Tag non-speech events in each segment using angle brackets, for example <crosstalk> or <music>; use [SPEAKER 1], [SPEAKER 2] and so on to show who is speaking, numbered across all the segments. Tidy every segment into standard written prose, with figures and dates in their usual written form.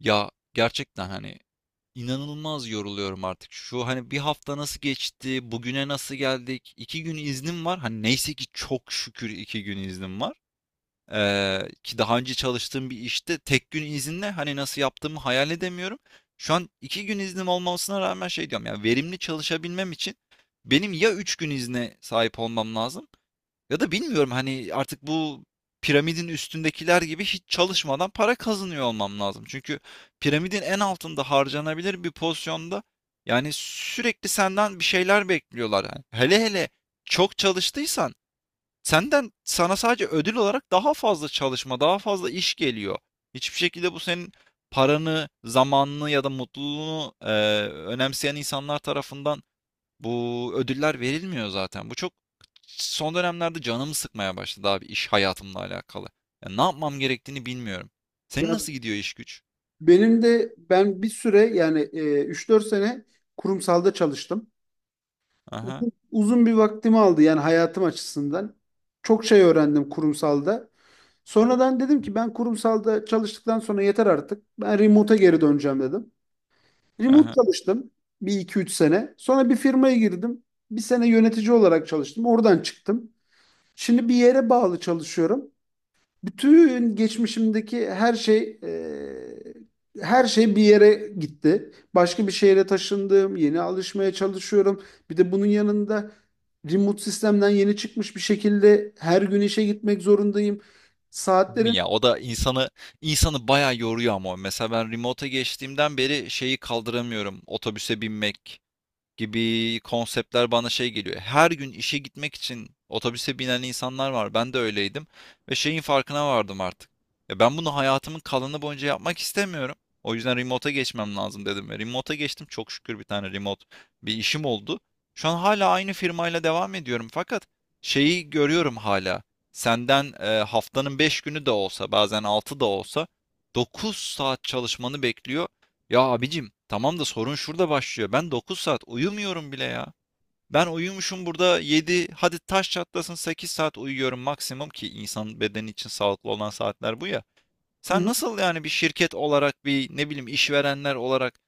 [SPEAKER 1] Ya gerçekten hani inanılmaz yoruluyorum artık. Şu hani bir hafta nasıl geçti, bugüne nasıl geldik? İki gün iznim var. Hani neyse ki çok şükür 2 gün iznim var. Ki daha önce çalıştığım bir işte tek gün izinle hani nasıl yaptığımı hayal edemiyorum. Şu an iki gün iznim olmasına rağmen şey diyorum ya verimli çalışabilmem için benim ya 3 gün izne sahip olmam lazım ya da bilmiyorum hani artık bu piramidin üstündekiler gibi hiç çalışmadan para kazanıyor olmam lazım. Çünkü piramidin en altında harcanabilir bir pozisyonda yani sürekli senden bir şeyler bekliyorlar. Yani hele hele çok çalıştıysan senden sana sadece ödül olarak daha fazla çalışma, daha fazla iş geliyor. Hiçbir şekilde bu senin paranı, zamanını ya da mutluluğunu önemseyen insanlar tarafından bu ödüller verilmiyor zaten. Bu çok son dönemlerde canımı sıkmaya başladı abi iş hayatımla alakalı. Ya ne yapmam gerektiğini bilmiyorum. Senin
[SPEAKER 2] Ya
[SPEAKER 1] nasıl gidiyor iş güç?
[SPEAKER 2] benim de ben bir süre yani 3-4 sene kurumsalda çalıştım.
[SPEAKER 1] Aha,
[SPEAKER 2] Uzun, uzun bir vaktimi aldı yani hayatım açısından. Çok şey öğrendim kurumsalda. Sonradan dedim ki ben kurumsalda çalıştıktan sonra yeter artık. Ben remote'a geri döneceğim dedim. Remote
[SPEAKER 1] aha.
[SPEAKER 2] çalıştım bir iki üç sene. Sonra bir firmaya girdim. Bir sene yönetici olarak çalıştım. Oradan çıktım. Şimdi bir yere bağlı çalışıyorum. Bütün geçmişimdeki her şey bir yere gitti. Başka bir şehre taşındım, yeni alışmaya çalışıyorum. Bir de bunun yanında remote sistemden yeni çıkmış bir şekilde her gün işe gitmek zorundayım.
[SPEAKER 1] Değil mi
[SPEAKER 2] Saatlerim.
[SPEAKER 1] ya? O da insanı bayağı yoruyor ama. Mesela ben remote'a geçtiğimden beri şeyi kaldıramıyorum. Otobüse binmek gibi konseptler bana şey geliyor. Her gün işe gitmek için otobüse binen insanlar var. Ben de öyleydim ve şeyin farkına vardım artık. Ya ben bunu hayatımın kalanı boyunca yapmak istemiyorum. O yüzden remote'a geçmem lazım dedim ve remote'a geçtim. Çok şükür bir tane remote bir işim oldu. Şu an hala aynı firmayla devam ediyorum fakat şeyi görüyorum hala. Senden haftanın 5 günü de olsa, bazen 6 da olsa 9 saat çalışmanı bekliyor ya abicim tamam da sorun şurada başlıyor. Ben 9 saat uyumuyorum bile ya. Ben uyumuşum burada 7. Hadi taş çatlasın 8 saat uyuyorum maksimum ki insan bedeni için sağlıklı olan saatler bu ya.
[SPEAKER 2] Hı
[SPEAKER 1] Sen
[SPEAKER 2] hı.
[SPEAKER 1] nasıl yani bir şirket olarak bir ne bileyim işverenler olarak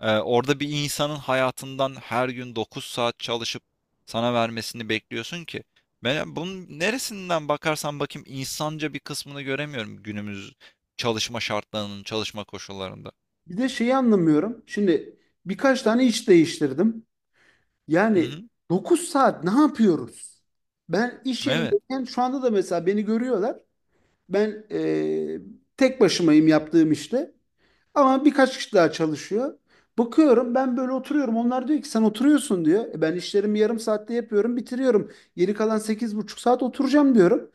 [SPEAKER 1] orada bir insanın hayatından her gün 9 saat çalışıp sana vermesini bekliyorsun ki? Ben bunun neresinden bakarsan bakayım insanca bir kısmını göremiyorum günümüz çalışma şartlarının, çalışma koşullarında.
[SPEAKER 2] Bir de şeyi anlamıyorum. Şimdi birkaç tane iş değiştirdim.
[SPEAKER 1] Hı
[SPEAKER 2] Yani
[SPEAKER 1] hı,
[SPEAKER 2] 9 saat ne yapıyoruz? Ben iş
[SPEAKER 1] evet.
[SPEAKER 2] yerindeyken şu anda da mesela beni görüyorlar. Ben tek başımayım yaptığım işte. Ama birkaç kişi daha çalışıyor. Bakıyorum ben böyle oturuyorum. Onlar diyor ki sen oturuyorsun diyor. E ben işlerimi yarım saatte yapıyorum, bitiriyorum. Geri kalan 8,5 saat oturacağım diyorum.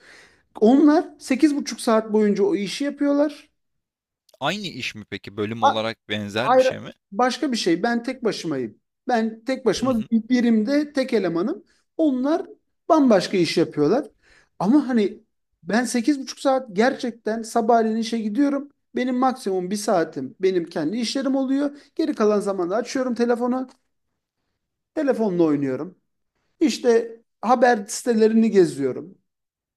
[SPEAKER 2] Onlar 8,5 saat boyunca o işi yapıyorlar.
[SPEAKER 1] Aynı iş mi peki? Bölüm
[SPEAKER 2] A-
[SPEAKER 1] olarak benzer bir
[SPEAKER 2] Hayır,
[SPEAKER 1] şey mi?
[SPEAKER 2] başka bir şey. Ben tek başımayım. Ben tek
[SPEAKER 1] Hı
[SPEAKER 2] başıma
[SPEAKER 1] hı.
[SPEAKER 2] bir birimde tek elemanım. Onlar bambaşka iş yapıyorlar. Ama hani ben 8,5 saat gerçekten sabahleyin işe gidiyorum. Benim maksimum bir saatim benim kendi işlerim oluyor. Geri kalan zamanda açıyorum telefonu. Telefonla oynuyorum. İşte haber sitelerini geziyorum.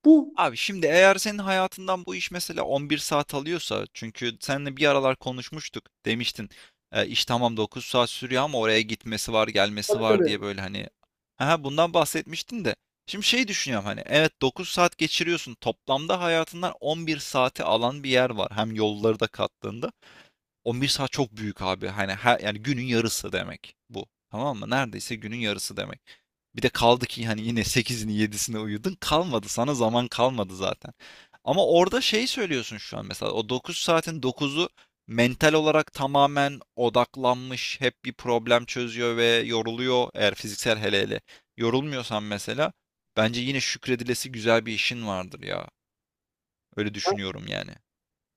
[SPEAKER 2] Bu.
[SPEAKER 1] Abi şimdi eğer senin hayatından bu iş mesela 11 saat alıyorsa çünkü seninle bir aralar konuşmuştuk demiştin iş tamam 9 saat sürüyor ama oraya gitmesi var gelmesi
[SPEAKER 2] Tabii,
[SPEAKER 1] var diye
[SPEAKER 2] tabii.
[SPEAKER 1] böyle hani ha bundan bahsetmiştin de şimdi şey düşünüyorum hani evet 9 saat geçiriyorsun toplamda hayatından 11 saati alan bir yer var hem yolları da kattığında 11 saat çok büyük abi hani her, yani günün yarısı demek bu tamam mı neredeyse günün yarısı demek. Bir de kaldı ki hani yine sekizini 7'sine uyudun. Kalmadı sana zaman kalmadı zaten. Ama orada şey söylüyorsun şu an mesela o 9 saatin dokuzu mental olarak tamamen odaklanmış, hep bir problem çözüyor ve yoruluyor eğer fiziksel hele hele yorulmuyorsan mesela bence yine şükredilesi güzel bir işin vardır ya. Öyle düşünüyorum yani.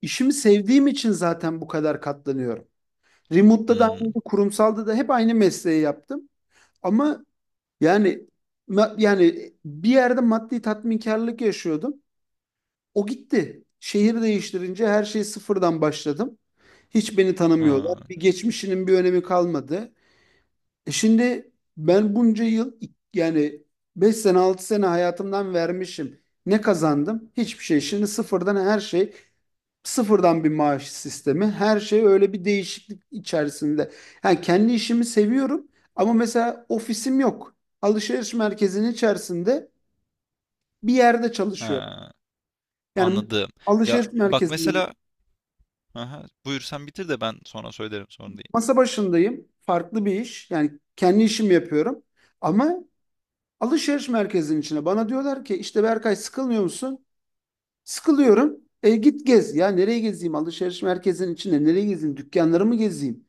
[SPEAKER 2] işimi sevdiğim için zaten bu kadar katlanıyorum. Remote'da da aynı,
[SPEAKER 1] Hmm,
[SPEAKER 2] kurumsalda da hep aynı mesleği yaptım. Ama yani, yani bir yerde maddi tatminkarlık yaşıyordum. O gitti. Şehir değiştirince her şeyi sıfırdan başladım. Hiç beni tanımıyorlar.
[SPEAKER 1] ha,
[SPEAKER 2] Bir geçmişinin bir önemi kalmadı. E şimdi ben bunca yıl yani 5 sene 6 sene hayatımdan vermişim. Ne kazandım? Hiçbir şey. Şimdi sıfırdan her şey, sıfırdan bir maaş sistemi. Her şey öyle bir değişiklik içerisinde. Yani kendi işimi seviyorum ama mesela ofisim yok. Alışveriş merkezinin içerisinde bir yerde çalışıyorum.
[SPEAKER 1] ha,
[SPEAKER 2] Yani
[SPEAKER 1] anladım. Ya
[SPEAKER 2] alışveriş
[SPEAKER 1] bak
[SPEAKER 2] merkezinde
[SPEAKER 1] mesela aha, buyur sen bitir de ben sonra söylerim sorun değil.
[SPEAKER 2] masa başındayım. Farklı bir iş. Yani kendi işimi yapıyorum. Ama alışveriş merkezinin içine bana diyorlar ki işte Berkay sıkılmıyor musun? Sıkılıyorum. E git gez. Ya nereye gezeyim? Alışveriş merkezinin içinde nereye gezeyim? Dükkanları mı gezeyim?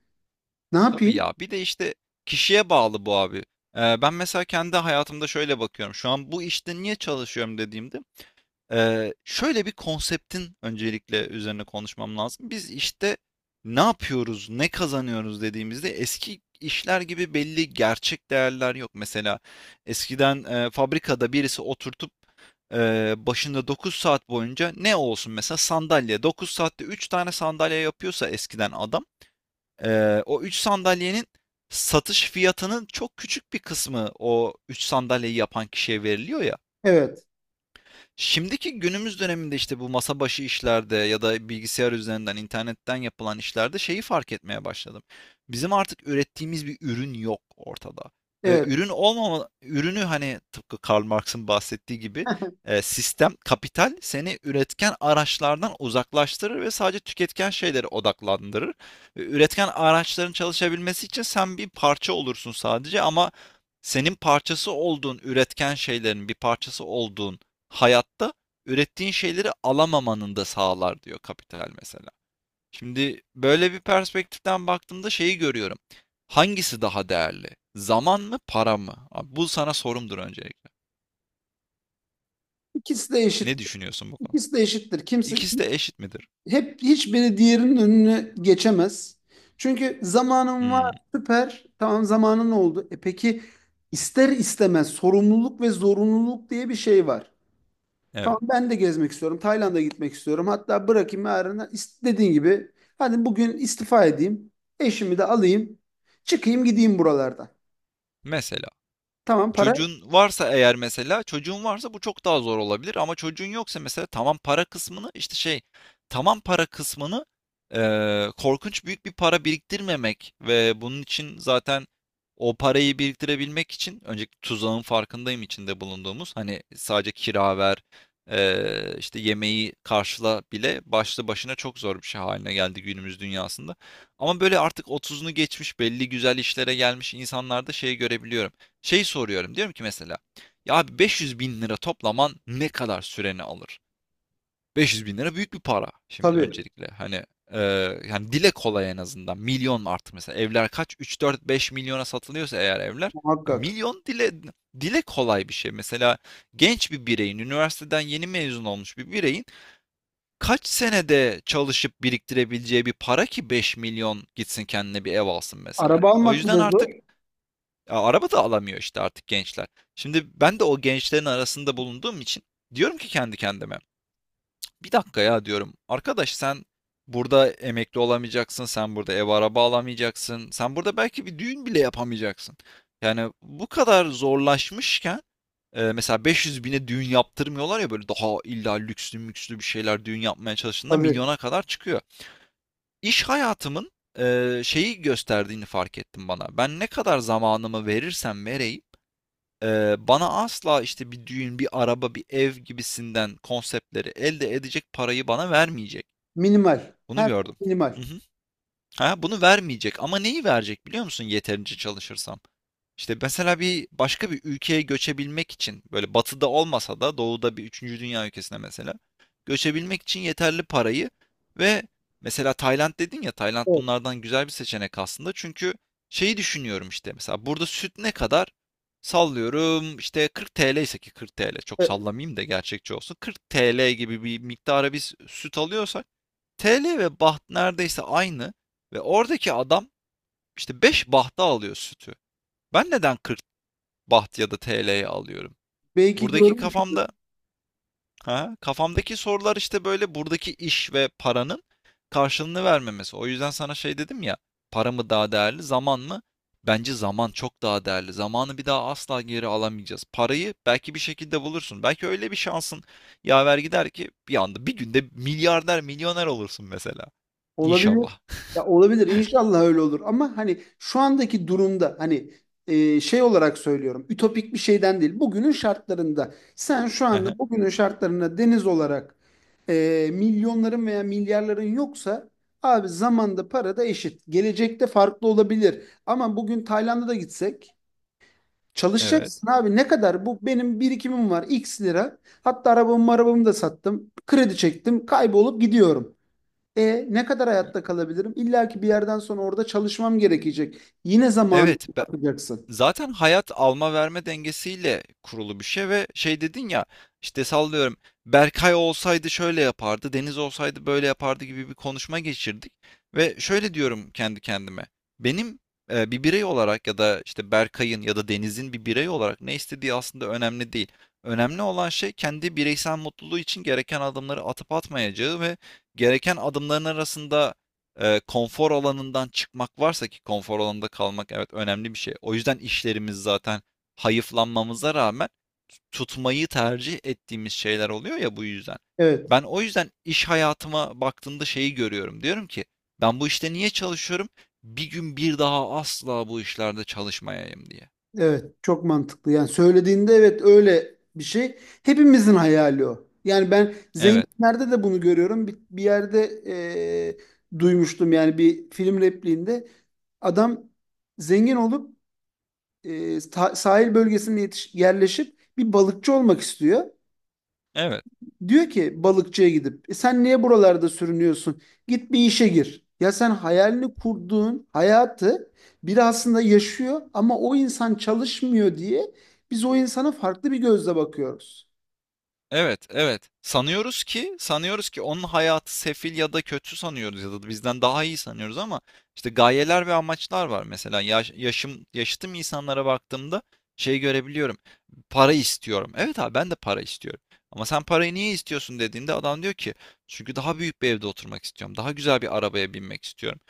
[SPEAKER 2] Ne
[SPEAKER 1] Tabii
[SPEAKER 2] yapayım?
[SPEAKER 1] ya. Bir de işte kişiye bağlı bu abi. Ben mesela kendi hayatımda şöyle bakıyorum. Şu an bu işte niye çalışıyorum dediğimde şöyle bir konseptin öncelikle üzerine konuşmam lazım. Biz işte ne yapıyoruz, ne kazanıyoruz dediğimizde eski işler gibi belli gerçek değerler yok. Mesela eskiden fabrikada birisi oturtup başında 9 saat boyunca ne olsun mesela sandalye 9 saatte 3 tane sandalye yapıyorsa eskiden adam o 3 sandalyenin satış fiyatının çok küçük bir kısmı o 3 sandalyeyi yapan kişiye veriliyor ya.
[SPEAKER 2] Evet.
[SPEAKER 1] Şimdiki günümüz döneminde işte bu masa başı işlerde ya da bilgisayar üzerinden, internetten yapılan işlerde şeyi fark etmeye başladım. Bizim artık ürettiğimiz bir ürün yok ortada. Ve
[SPEAKER 2] Evet.
[SPEAKER 1] ürün olmama, ürünü hani tıpkı Karl Marx'ın bahsettiği gibi sistem, kapital seni üretken araçlardan uzaklaştırır ve sadece tüketken şeylere odaklandırır. Ve üretken araçların çalışabilmesi için sen bir parça olursun sadece ama senin parçası olduğun, üretken şeylerin bir parçası olduğun hayatta ürettiğin şeyleri alamamanın da sağlar diyor kapital mesela. Şimdi böyle bir perspektiften baktığımda şeyi görüyorum. Hangisi daha değerli? Zaman mı, para mı? Abi bu sana sorumdur öncelikle.
[SPEAKER 2] İkisi de eşit.
[SPEAKER 1] Ne düşünüyorsun bu konuda?
[SPEAKER 2] İkisi de eşittir. Kimse
[SPEAKER 1] İkisi de eşit midir?
[SPEAKER 2] hep hiçbiri diğerinin önüne geçemez. Çünkü zamanın var,
[SPEAKER 1] Hmm,
[SPEAKER 2] süper. Tamam, zamanın oldu. E peki, ister istemez sorumluluk ve zorunluluk diye bir şey var.
[SPEAKER 1] evet.
[SPEAKER 2] Tamam, ben de gezmek istiyorum. Tayland'a gitmek istiyorum. Hatta bırakayım yarına, dediğin gibi hadi bugün istifa edeyim. Eşimi de alayım. Çıkayım gideyim buralardan.
[SPEAKER 1] Mesela.
[SPEAKER 2] Tamam, para.
[SPEAKER 1] Çocuğun varsa eğer mesela, çocuğun varsa bu çok daha zor olabilir ama çocuğun yoksa mesela tamam para kısmını işte şey, tamam para kısmını korkunç büyük bir para biriktirmemek ve bunun için zaten o parayı biriktirebilmek için önceki tuzağın farkındayım içinde bulunduğumuz. Hani sadece kira ver, işte yemeği karşıla bile başlı başına çok zor bir şey haline geldi günümüz dünyasında. Ama böyle artık 30'unu geçmiş belli güzel işlere gelmiş insanlarda şeyi görebiliyorum. Şey soruyorum diyorum ki mesela ya abi 500 bin lira toplaman ne kadar süreni alır? 500 bin lira büyük bir para şimdi
[SPEAKER 2] Tabii,
[SPEAKER 1] öncelikle hani e, yani dile kolay en azından milyon artık mesela evler kaç 3 4 5 milyona satılıyorsa eğer evler ya
[SPEAKER 2] muhakkak.
[SPEAKER 1] milyon dile kolay bir şey mesela genç bir bireyin üniversiteden yeni mezun olmuş bir bireyin kaç senede çalışıp biriktirebileceği bir para ki 5 milyon gitsin kendine bir ev alsın mesela.
[SPEAKER 2] Araba
[SPEAKER 1] O
[SPEAKER 2] almak
[SPEAKER 1] yüzden
[SPEAKER 2] bile zor.
[SPEAKER 1] artık ya araba da alamıyor işte artık gençler. Şimdi ben de o gençlerin arasında bulunduğum için diyorum ki kendi kendime. Bir dakika ya diyorum. Arkadaş sen burada emekli olamayacaksın. Sen burada ev araba alamayacaksın. Sen burada belki bir düğün bile yapamayacaksın. Yani bu kadar zorlaşmışken mesela 500 bine düğün yaptırmıyorlar ya böyle daha illa lükslü mükslü bir şeyler düğün yapmaya çalıştığında
[SPEAKER 2] Tabii.
[SPEAKER 1] milyona kadar çıkıyor. İş hayatımın şeyi gösterdiğini fark ettim bana. Ben ne kadar zamanımı verirsem vereyim bana asla işte bir düğün, bir araba, bir ev gibisinden konseptleri elde edecek parayı bana vermeyecek.
[SPEAKER 2] Minimal.
[SPEAKER 1] Bunu
[SPEAKER 2] Her şey
[SPEAKER 1] gördüm.
[SPEAKER 2] minimal.
[SPEAKER 1] Ha, bunu vermeyecek ama neyi verecek biliyor musun yeterince çalışırsam? İşte mesela bir başka bir ülkeye göçebilmek için böyle batıda olmasa da doğuda bir üçüncü dünya ülkesine mesela göçebilmek için yeterli parayı ve mesela Tayland dedin ya Tayland
[SPEAKER 2] Evet.
[SPEAKER 1] bunlardan güzel bir seçenek aslında. Çünkü şeyi düşünüyorum işte mesela burada süt ne kadar? Sallıyorum işte 40 TL ise ki 40 TL çok
[SPEAKER 2] E,
[SPEAKER 1] sallamayayım da gerçekçi olsun. 40 TL gibi bir miktara biz süt alıyorsak TL ve baht neredeyse aynı ve oradaki adam işte 5 bahta alıyor sütü. Ben neden 40 baht ya da TL'ye alıyorum?
[SPEAKER 2] belki
[SPEAKER 1] Buradaki
[SPEAKER 2] görmüşsünüz.
[SPEAKER 1] kafamda ha, kafamdaki sorular işte böyle buradaki iş ve paranın karşılığını vermemesi. O yüzden sana şey dedim ya, para mı daha değerli, zaman mı? Bence zaman çok daha değerli. Zamanı bir daha asla geri alamayacağız. Parayı belki bir şekilde bulursun. Belki öyle bir şansın yaver gider ki bir anda bir günde milyarder, milyoner olursun mesela.
[SPEAKER 2] Olabilir.
[SPEAKER 1] İnşallah.
[SPEAKER 2] Ya olabilir. İnşallah öyle olur. Ama hani şu andaki durumda, hani şey olarak söylüyorum. Ütopik bir şeyden değil. Bugünün şartlarında sen şu anda
[SPEAKER 1] <laughs>
[SPEAKER 2] bugünün şartlarında Deniz olarak milyonların veya milyarların yoksa abi zamanda para da eşit. Gelecekte farklı olabilir. Ama bugün Tayland'a da gitsek
[SPEAKER 1] Evet.
[SPEAKER 2] çalışacaksın abi. Ne kadar bu benim birikimim var, x lira, hatta arabamı da sattım, kredi çektim, kaybolup gidiyorum. E ne kadar
[SPEAKER 1] Y-
[SPEAKER 2] hayatta kalabilirim? İlla ki bir yerden sonra orada çalışmam gerekecek. Yine zamanı
[SPEAKER 1] Evet,
[SPEAKER 2] atacaksın.
[SPEAKER 1] zaten hayat alma verme dengesiyle kurulu bir şey ve şey dedin ya işte sallıyorum Berkay olsaydı şöyle yapardı, Deniz olsaydı böyle yapardı gibi bir konuşma geçirdik ve şöyle diyorum kendi kendime. Benim bir birey olarak ya da işte Berkay'ın ya da Deniz'in bir birey olarak ne istediği aslında önemli değil. Önemli olan şey kendi bireysel mutluluğu için gereken adımları atıp atmayacağı ve gereken adımların arasında konfor alanından çıkmak varsa ki konfor alanında kalmak evet önemli bir şey. O yüzden işlerimiz zaten hayıflanmamıza rağmen tutmayı tercih ettiğimiz şeyler oluyor ya bu yüzden.
[SPEAKER 2] Evet,
[SPEAKER 1] Ben o yüzden iş hayatıma baktığımda şeyi görüyorum. Diyorum ki ben bu işte niye çalışıyorum? Bir gün bir daha asla bu işlerde çalışmayayım diye.
[SPEAKER 2] evet, çok mantıklı. Yani söylediğinde evet, öyle bir şey. Hepimizin hayali o. Yani ben
[SPEAKER 1] Evet.
[SPEAKER 2] zenginlerde de bunu görüyorum. Bir yerde duymuştum yani, bir film repliğinde adam zengin olup, sahil bölgesine yerleşip bir balıkçı olmak istiyor.
[SPEAKER 1] Evet.
[SPEAKER 2] Diyor ki balıkçıya gidip "E sen niye buralarda sürünüyorsun? Git bir işe gir." Ya sen hayalini kurduğun hayatı biri aslında yaşıyor ama o insan çalışmıyor diye biz o insana farklı bir gözle bakıyoruz.
[SPEAKER 1] Evet, evet. Sanıyoruz ki onun hayatı sefil ya da kötü sanıyoruz ya da bizden daha iyi sanıyoruz ama işte gayeler ve amaçlar var. Mesela yaşım yaşıtım insanlara baktığımda şey görebiliyorum. Para istiyorum. Evet abi ben de para istiyorum. Ama sen parayı niye istiyorsun dediğinde adam diyor ki çünkü daha büyük bir evde oturmak istiyorum. Daha güzel bir arabaya binmek istiyorum.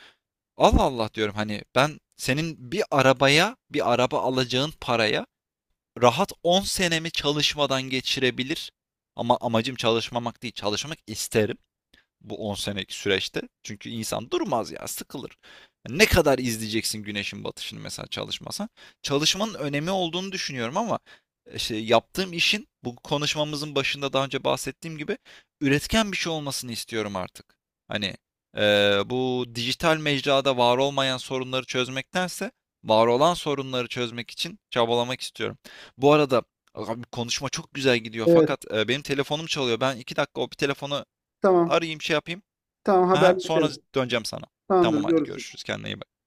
[SPEAKER 1] Allah Allah diyorum hani ben senin bir araba alacağın paraya rahat 10 senemi çalışmadan geçirebilir. Ama amacım çalışmamak değil, çalışmak isterim bu 10 senelik süreçte. Çünkü insan durmaz ya, sıkılır. Ne kadar izleyeceksin güneşin batışını mesela çalışmasan? Çalışmanın önemi olduğunu düşünüyorum ama işte yaptığım işin bu konuşmamızın başında daha önce bahsettiğim gibi üretken bir şey olmasını istiyorum artık. Hani bu dijital mecrada var olmayan sorunları çözmektense var olan sorunları çözmek için çabalamak istiyorum. Bu arada abi konuşma çok güzel gidiyor
[SPEAKER 2] Evet.
[SPEAKER 1] fakat benim telefonum çalıyor. Ben 2 dakika o bir telefonu
[SPEAKER 2] Tamam.
[SPEAKER 1] arayayım şey yapayım.
[SPEAKER 2] Tamam,
[SPEAKER 1] Ha, sonra
[SPEAKER 2] haberleşelim.
[SPEAKER 1] döneceğim sana.
[SPEAKER 2] Tamamdır,
[SPEAKER 1] Tamam hadi
[SPEAKER 2] görüşürüz.
[SPEAKER 1] görüşürüz. Kendine iyi bak.